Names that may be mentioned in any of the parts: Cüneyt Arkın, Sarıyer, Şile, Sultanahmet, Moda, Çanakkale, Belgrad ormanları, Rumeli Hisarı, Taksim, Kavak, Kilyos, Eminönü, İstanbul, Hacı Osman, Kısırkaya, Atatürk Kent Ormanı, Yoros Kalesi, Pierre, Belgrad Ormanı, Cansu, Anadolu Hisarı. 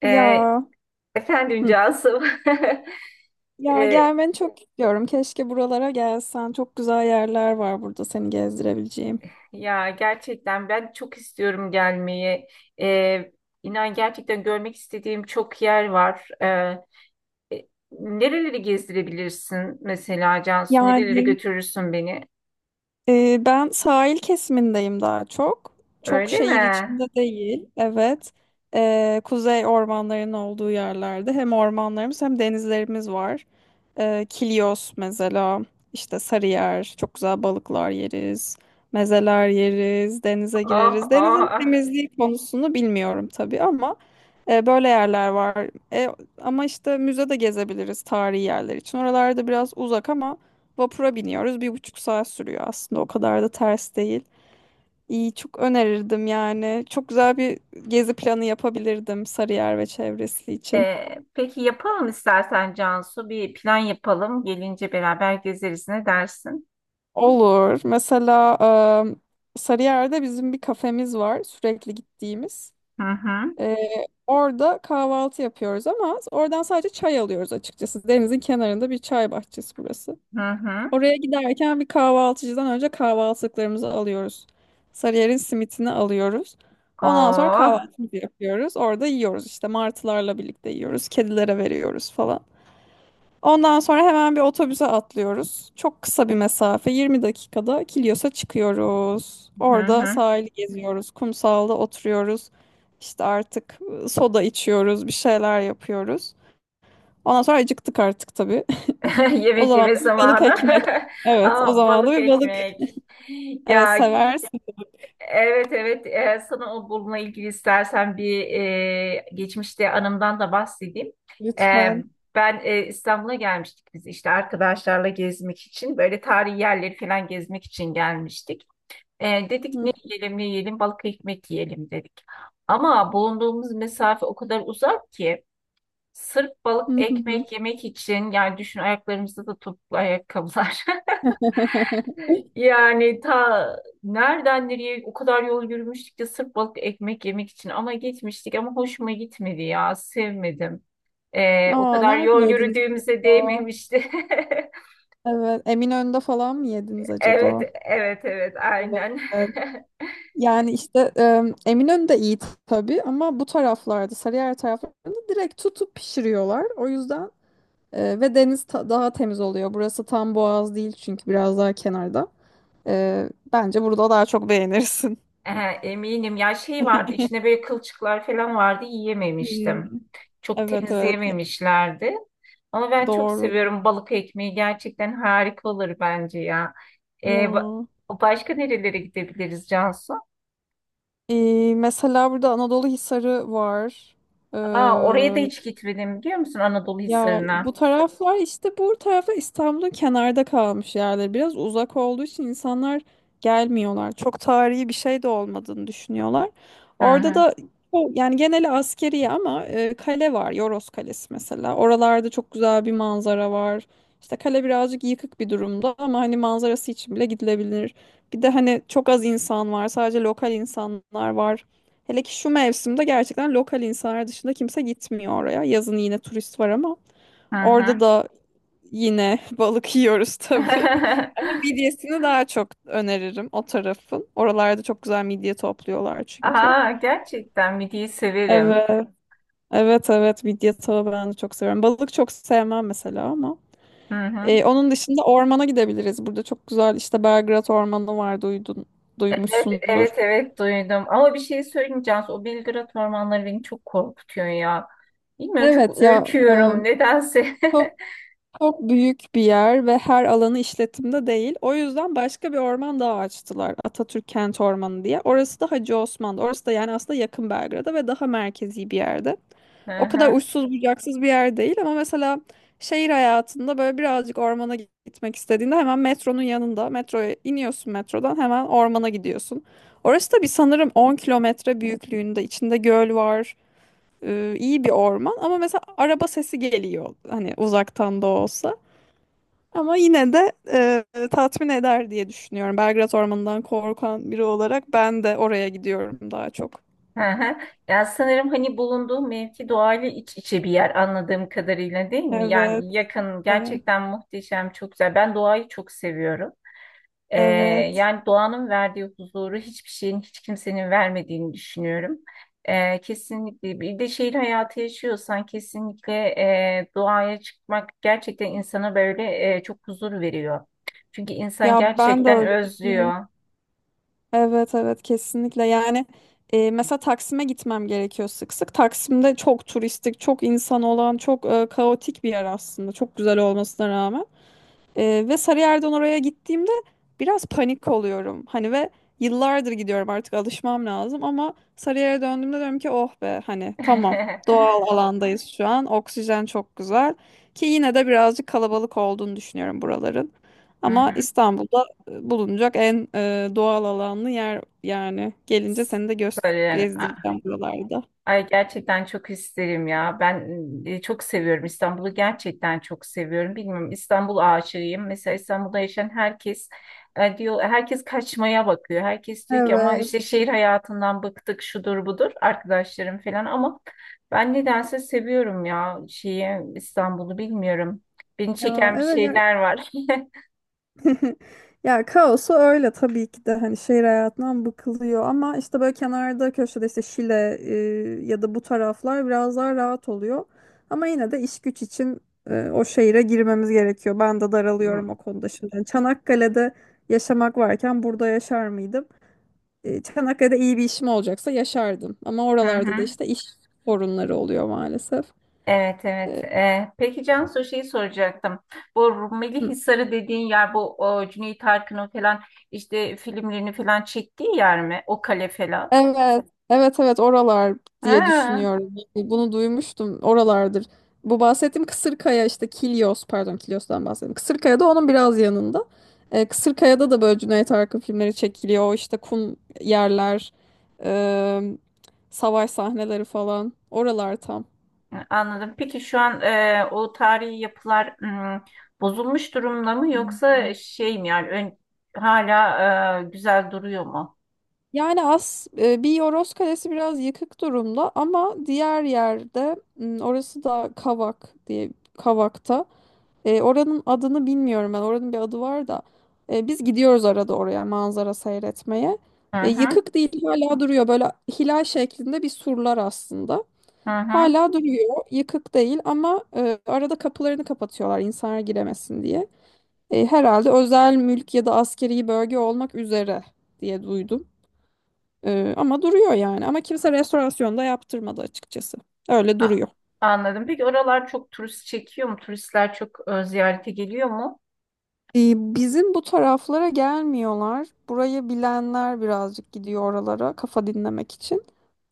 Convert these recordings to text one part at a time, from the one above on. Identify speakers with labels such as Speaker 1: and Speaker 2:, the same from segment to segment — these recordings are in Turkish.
Speaker 1: Ya.
Speaker 2: Ee, efendim
Speaker 1: Hı.
Speaker 2: Cansu.
Speaker 1: Ya
Speaker 2: Ee,
Speaker 1: gelmeni çok istiyorum. Keşke buralara gelsen. Çok güzel yerler var burada seni gezdirebileceğim.
Speaker 2: ya gerçekten ben çok istiyorum gelmeyi. Ee, inan gerçekten görmek istediğim çok yer var. Nereleri gezdirebilirsin mesela Cansu? Nerelere
Speaker 1: Yani
Speaker 2: götürürsün beni?
Speaker 1: ben sahil kesimindeyim daha çok. Çok
Speaker 2: Öyle mi?
Speaker 1: şehir içinde değil. Evet. Kuzey ormanlarının olduğu yerlerde hem ormanlarımız hem denizlerimiz var. Kilyos mesela, işte Sarıyer çok güzel balıklar yeriz. Mezeler yeriz, denize
Speaker 2: Oh
Speaker 1: gireriz. Denizin
Speaker 2: oh.
Speaker 1: temizliği konusunu bilmiyorum tabii ama böyle yerler var. Ama işte müze de gezebiliriz tarihi yerler için. Oralarda biraz uzak ama vapura biniyoruz. 1,5 saat sürüyor aslında. O kadar da ters değil. İyi, çok önerirdim yani. Çok güzel bir gezi planı yapabilirdim Sarıyer ve çevresi için.
Speaker 2: Peki yapalım istersen Cansu. Bir plan yapalım. Gelince beraber gezeriz. Ne dersin?
Speaker 1: Olur. Mesela Sarıyer'de bizim bir kafemiz var sürekli gittiğimiz.
Speaker 2: Hı hı.
Speaker 1: E, orada kahvaltı yapıyoruz ama oradan sadece çay alıyoruz açıkçası. Denizin kenarında bir çay bahçesi burası.
Speaker 2: Hı hı.
Speaker 1: Oraya giderken bir kahvaltıcıdan önce kahvaltılıklarımızı alıyoruz. Sarıyer'in simitini alıyoruz. Ondan sonra
Speaker 2: Oh.
Speaker 1: kahvaltımızı yapıyoruz. Orada yiyoruz işte, martılarla birlikte yiyoruz. Kedilere veriyoruz falan. Ondan sonra hemen bir otobüse atlıyoruz. Çok kısa bir mesafe, 20 dakikada Kilyos'a çıkıyoruz.
Speaker 2: Hı
Speaker 1: Orada
Speaker 2: hı.
Speaker 1: sahili geziyoruz. Kumsalda oturuyoruz. İşte artık soda içiyoruz, bir şeyler yapıyoruz. Ondan sonra acıktık artık tabii. O
Speaker 2: Yemek
Speaker 1: zaman
Speaker 2: yeme
Speaker 1: da bir balık
Speaker 2: zamanı.
Speaker 1: ekmek. Evet, o
Speaker 2: Aa,
Speaker 1: zaman da
Speaker 2: balık
Speaker 1: bir balık.
Speaker 2: ekmek.
Speaker 1: Evet,
Speaker 2: Ya,
Speaker 1: seversin.
Speaker 2: evet, evet. Sana o bununla ilgili istersen bir geçmişte anımdan da bahsedeyim. Ee,
Speaker 1: Lütfen.
Speaker 2: ben İstanbul'a gelmiştik biz işte arkadaşlarla gezmek için böyle tarihi yerleri falan gezmek için gelmiştik. Dedik ne yiyelim ne yiyelim balık ekmek yiyelim dedik. Ama bulunduğumuz mesafe o kadar uzak ki. Sırf balık
Speaker 1: Hı, hı, hı.
Speaker 2: ekmek yemek için yani düşün ayaklarımızda da topuklu ayakkabılar. Yani ta nereden nereye o kadar yol yürümüştük ki sırf balık ekmek yemek için ama gitmiştik ama hoşuma gitmedi ya sevmedim. O
Speaker 1: Aa,
Speaker 2: kadar
Speaker 1: nerede
Speaker 2: yol
Speaker 1: yediniz
Speaker 2: yürüdüğümüze
Speaker 1: acaba?
Speaker 2: değmemişti.
Speaker 1: Evet, Eminönü'nde falan mı yediniz acaba?
Speaker 2: Evet, evet, evet, aynen.
Speaker 1: Evet. Yani işte Eminönü de iyi tabii ama bu taraflarda, Sarıyer taraflarında direkt tutup pişiriyorlar. O yüzden ve deniz daha temiz oluyor. Burası tam boğaz değil çünkü biraz daha kenarda. Bence burada daha çok beğenirsin.
Speaker 2: Ehe, eminim ya şey vardı içine böyle kılçıklar falan vardı
Speaker 1: Hmm.
Speaker 2: yiyememiştim. Çok
Speaker 1: Evet, evet.
Speaker 2: temizleyememişlerdi. Ama ben çok
Speaker 1: Doğru.
Speaker 2: seviyorum balık ekmeği gerçekten harika olur bence ya. Ee, ba-
Speaker 1: Ya.
Speaker 2: başka nerelere gidebiliriz Cansu?
Speaker 1: Mesela burada Anadolu Hisarı var.
Speaker 2: Aa, oraya da hiç gitmedim biliyor musun Anadolu
Speaker 1: Ya
Speaker 2: Hisarı'na?
Speaker 1: bu taraflar, işte bu taraflar İstanbul'un kenarda kalmış yerler. Biraz uzak olduğu için insanlar gelmiyorlar. Çok tarihi bir şey de olmadığını düşünüyorlar.
Speaker 2: Hı
Speaker 1: Orada
Speaker 2: hı
Speaker 1: da yani geneli askeri ama kale var. Yoros Kalesi mesela. Oralarda çok güzel bir manzara var. İşte kale birazcık yıkık bir durumda ama hani manzarası için bile gidilebilir. Bir de hani çok az insan var. Sadece lokal insanlar var. Hele ki şu mevsimde gerçekten lokal insanlar dışında kimse gitmiyor oraya. Yazın yine turist var ama
Speaker 2: hı.
Speaker 1: orada
Speaker 2: Hı.
Speaker 1: da yine balık yiyoruz tabii. Ama midyesini daha çok öneririm o tarafın. Oralarda çok güzel midye topluyorlar çünkü.
Speaker 2: Aa, gerçekten midiyi severim.
Speaker 1: Evet. Evet, evet, midye tava ben de çok seviyorum. Balık çok sevmem mesela ama.
Speaker 2: Hı hı.
Speaker 1: E, onun dışında ormana gidebiliriz. Burada çok güzel işte Belgrad Ormanı var,
Speaker 2: Evet,
Speaker 1: duymuşsundur.
Speaker 2: evet, evet duydum. Ama bir şey söyleyeyim Cansu, o Belgrad ormanları beni çok korkutuyor ya. Bilmiyorum çok
Speaker 1: Evet ya,
Speaker 2: ürküyorum nedense.
Speaker 1: çok çok büyük bir yer ve her alanı işletimde değil. O yüzden başka bir orman daha açtılar. Atatürk Kent Ormanı diye. Orası da Hacı Osman'da. Orası da yani aslında yakın Belgrad'a ve daha merkezi bir yerde.
Speaker 2: Hı
Speaker 1: O kadar
Speaker 2: hı,
Speaker 1: uçsuz bucaksız bir yer değil ama mesela şehir hayatında böyle birazcık ormana gitmek istediğinde hemen metronun yanında, metroya iniyorsun, metrodan hemen ormana gidiyorsun. Orası da bir sanırım 10 kilometre büyüklüğünde, içinde göl var. E, iyi bir orman ama mesela araba sesi geliyor hani, uzaktan da olsa. Ama yine de tatmin eder diye düşünüyorum. Belgrad Ormanı'ndan korkan biri olarak ben de oraya gidiyorum daha çok.
Speaker 2: hı hı. Ya sanırım hani bulunduğum mevki doğayla iç içe bir yer anladığım kadarıyla değil mi?
Speaker 1: Evet,
Speaker 2: Yani yakın
Speaker 1: evet,
Speaker 2: gerçekten muhteşem çok güzel. Ben doğayı çok seviyorum. Ee,
Speaker 1: evet.
Speaker 2: yani doğanın verdiği huzuru hiçbir şeyin, hiç kimsenin vermediğini düşünüyorum. Kesinlikle bir de şehir hayatı yaşıyorsan kesinlikle doğaya çıkmak gerçekten insana böyle çok huzur veriyor. Çünkü insan
Speaker 1: Ya ben de
Speaker 2: gerçekten
Speaker 1: öyle düşünüyorum.
Speaker 2: özlüyor.
Speaker 1: Evet, evet, kesinlikle. Yani mesela Taksim'e gitmem gerekiyor sık sık. Taksim'de çok turistik, çok insan olan, çok kaotik bir yer aslında. Çok güzel olmasına rağmen. Ve Sarıyer'den oraya gittiğimde biraz panik oluyorum. Hani ve yıllardır gidiyorum artık, alışmam lazım ama Sarıyer'e döndüğümde diyorum ki oh be, hani tamam, doğal alandayız şu an. Oksijen çok güzel ki yine de birazcık kalabalık olduğunu düşünüyorum buraların.
Speaker 2: Hı
Speaker 1: Ama
Speaker 2: hı.
Speaker 1: İstanbul'da bulunacak en doğal alanlı yer, yani gelince seni de göz
Speaker 2: Böyle yani.
Speaker 1: gezdireceğim buralarda.
Speaker 2: Ay gerçekten çok isterim ya. Ben çok seviyorum İstanbul'u. Gerçekten çok seviyorum. Bilmiyorum İstanbul aşığıyım. Mesela İstanbul'da yaşayan herkes diyor herkes kaçmaya bakıyor. Herkes diyor ki ama işte
Speaker 1: Evet.
Speaker 2: şehir hayatından bıktık şudur budur arkadaşlarım falan ama ben nedense seviyorum ya şeyi İstanbul'u bilmiyorum. Beni
Speaker 1: Ya,
Speaker 2: çeken bir
Speaker 1: evet ya.
Speaker 2: şeyler var.
Speaker 1: Ya, kaosu öyle tabii ki de, hani şehir hayatından bıkılıyor ama işte böyle kenarda köşede, işte Şile, ya da bu taraflar biraz daha rahat oluyor. Ama yine de iş güç için o şehire girmemiz gerekiyor. Ben de daralıyorum o konuda şimdi. Yani Çanakkale'de yaşamak varken burada yaşar mıydım? E, Çanakkale'de iyi bir işim olacaksa yaşardım. Ama
Speaker 2: Hı
Speaker 1: oralarda da
Speaker 2: hı.
Speaker 1: işte iş sorunları oluyor maalesef.
Speaker 2: Evet, evet. Peki Cansu şeyi soracaktım. Bu Rumeli Hisarı dediğin yer bu o, Cüneyt Arkın'ın falan işte filmlerini falan çektiği yer mi? O kale falan.
Speaker 1: Evet, evet, evet, oralar diye
Speaker 2: Ha,
Speaker 1: düşünüyorum. Yani bunu duymuştum, oralardır. Bu bahsettiğim Kısırkaya, işte Kilyos, pardon, Kilyos'tan bahsettim. Kısırkaya da onun biraz yanında. Kısırkaya'da da böyle Cüneyt Arkın filmleri çekiliyor. O işte kum yerler, e, savaş sahneleri falan. Oralar tam.
Speaker 2: anladım. Peki şu an o tarihi yapılar bozulmuş durumda mı yoksa şey mi yani hala güzel duruyor mu?
Speaker 1: Yani bir Yoros Kalesi biraz yıkık durumda ama diğer yerde, orası da Kavak diye, Kavak'ta. Oranın adını bilmiyorum ben. Oranın bir adı var da. Biz gidiyoruz arada oraya manzara seyretmeye.
Speaker 2: Hı
Speaker 1: E,
Speaker 2: hı
Speaker 1: yıkık değil, hala duruyor. Böyle hilal şeklinde bir surlar aslında.
Speaker 2: hı hı.
Speaker 1: Hala duruyor. Yıkık değil ama arada kapılarını kapatıyorlar insanlar giremesin diye. Herhalde özel mülk ya da askeri bölge olmak üzere diye duydum. Ama duruyor yani. Ama kimse restorasyonda yaptırmadı açıkçası. Öyle
Speaker 2: A-
Speaker 1: duruyor.
Speaker 2: anladım. Peki oralar çok turist çekiyor mu? Turistler çok ziyarete geliyor mu?
Speaker 1: Bizim bu taraflara gelmiyorlar. Burayı bilenler birazcık gidiyor oralara kafa dinlemek için.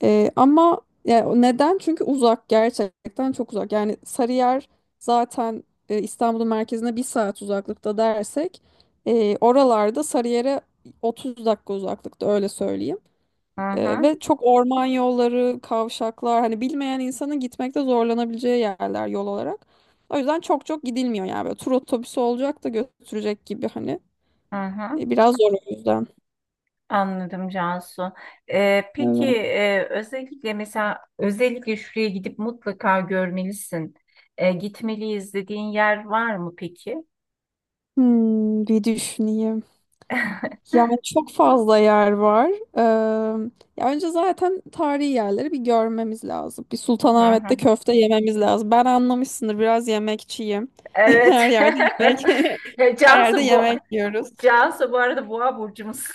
Speaker 1: Ama ya neden? Çünkü uzak, gerçekten çok uzak. Yani Sarıyer zaten İstanbul'un merkezine 1 saat uzaklıkta dersek, oralarda Sarıyer'e 30 dakika uzaklıkta, öyle söyleyeyim.
Speaker 2: Hı
Speaker 1: Ee,
Speaker 2: hı
Speaker 1: ve çok orman yolları, kavşaklar, hani bilmeyen insanın gitmekte zorlanabileceği yerler yol olarak. O yüzden çok çok gidilmiyor yani, böyle tur otobüsü olacak da götürecek gibi hani.
Speaker 2: hı hı.
Speaker 1: Biraz zor o yüzden.
Speaker 2: Anladım Cansu. Peki
Speaker 1: Evet.
Speaker 2: özellikle mesela özellikle şuraya gidip mutlaka görmelisin. Gitmeliyiz dediğin yer var mı peki?
Speaker 1: Hmm, bir düşüneyim. Yani çok fazla yer var. Ee, ya önce zaten tarihi yerleri bir görmemiz lazım. Bir
Speaker 2: Hı hı.
Speaker 1: Sultanahmet'te köfte yememiz lazım. Ben anlamışsındır biraz yemekçiyim.
Speaker 2: Evet.
Speaker 1: Her yerde yemek. Her yerde
Speaker 2: Cansu bu
Speaker 1: yemek yiyoruz.
Speaker 2: Cansu bu arada boğa burcumuz.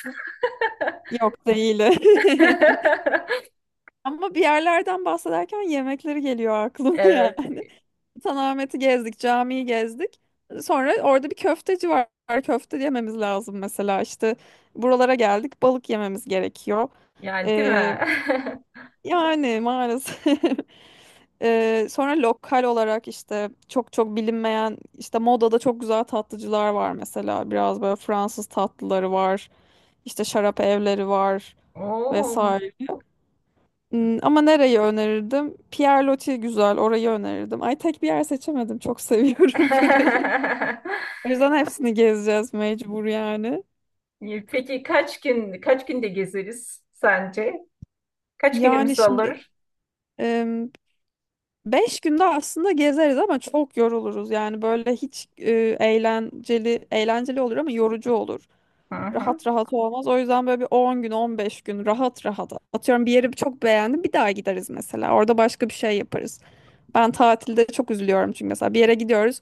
Speaker 1: Yok değil. Ama bir yerlerden bahsederken yemekleri geliyor aklıma
Speaker 2: Evet.
Speaker 1: yani. Sultanahmet'i gezdik, camiyi gezdik. Sonra orada bir köfteci var. Köfte yememiz lazım mesela işte. Buralara geldik, balık yememiz gerekiyor.
Speaker 2: Yani değil mi?
Speaker 1: Ee, yani maalesef. Sonra lokal olarak işte çok çok bilinmeyen işte Moda'da çok güzel tatlıcılar var mesela. Biraz böyle Fransız tatlıları var. İşte şarap evleri var
Speaker 2: Oo.
Speaker 1: vesaire. Hmm, ama nereyi önerirdim? Pierre güzel, orayı önerirdim. Ay tek bir yer seçemedim. Çok seviyorum burayı. O yüzden hepsini gezeceğiz mecbur yani.
Speaker 2: Peki kaç günde gezeriz sence? Kaç
Speaker 1: Yani
Speaker 2: günümüz
Speaker 1: şimdi
Speaker 2: alır?
Speaker 1: em, 5 günde aslında gezeriz ama çok yoruluruz. Yani böyle hiç eğlenceli eğlenceli olur ama yorucu olur.
Speaker 2: Hı hı.
Speaker 1: Rahat rahat olmaz. O yüzden böyle bir 10 gün, 15 gün rahat rahat. Atıyorum bir yeri çok beğendim. Bir daha gideriz mesela. Orada başka bir şey yaparız. Ben tatilde çok üzülüyorum çünkü mesela bir yere gidiyoruz.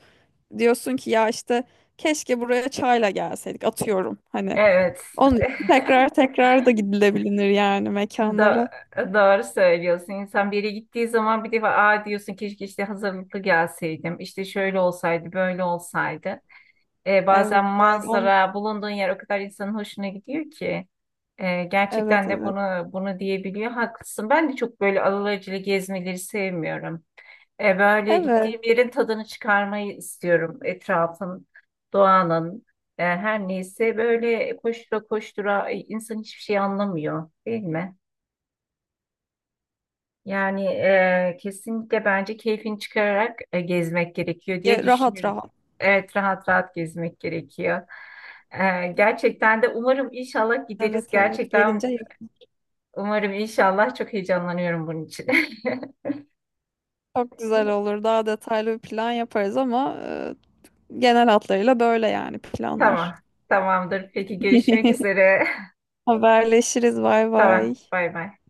Speaker 1: Diyorsun ki ya işte keşke buraya çayla gelseydik, atıyorum hani.
Speaker 2: Evet.
Speaker 1: Onun için tekrar tekrar da gidilebilir yani mekanlara.
Speaker 2: Da doğru söylüyorsun. İnsan bir yere gittiği zaman bir defa aa diyorsun keşke işte hazırlıklı gelseydim. İşte şöyle olsaydı, böyle olsaydı. Bazen
Speaker 1: Evet,
Speaker 2: manzara, bulunduğun yer o kadar insanın hoşuna gidiyor ki. Ee,
Speaker 1: evet,
Speaker 2: gerçekten de
Speaker 1: evet.
Speaker 2: bunu diyebiliyor. Haklısın. Ben de çok böyle alelacele gezmeleri sevmiyorum. Böyle
Speaker 1: Evet.
Speaker 2: gittiğim yerin tadını çıkarmayı istiyorum. Etrafın, doğanın, her neyse böyle koştura koştura insan hiçbir şey anlamıyor, değil mi? Yani kesinlikle bence keyfini çıkararak gezmek gerekiyor diye
Speaker 1: Ya, rahat
Speaker 2: düşünüyorum.
Speaker 1: rahat.
Speaker 2: Evet, rahat rahat gezmek gerekiyor. Gerçekten de umarım inşallah
Speaker 1: Evet,
Speaker 2: gideriz.
Speaker 1: evet. Gelince
Speaker 2: Gerçekten
Speaker 1: yap-
Speaker 2: umarım inşallah çok heyecanlanıyorum bunun için.
Speaker 1: çok güzel olur. Daha detaylı bir plan yaparız ama genel hatlarıyla böyle yani planlar.
Speaker 2: Tamam, tamamdır. Peki görüşmek üzere.
Speaker 1: Haberleşiriz. Bay
Speaker 2: Tamam.
Speaker 1: bay.
Speaker 2: Bay bay.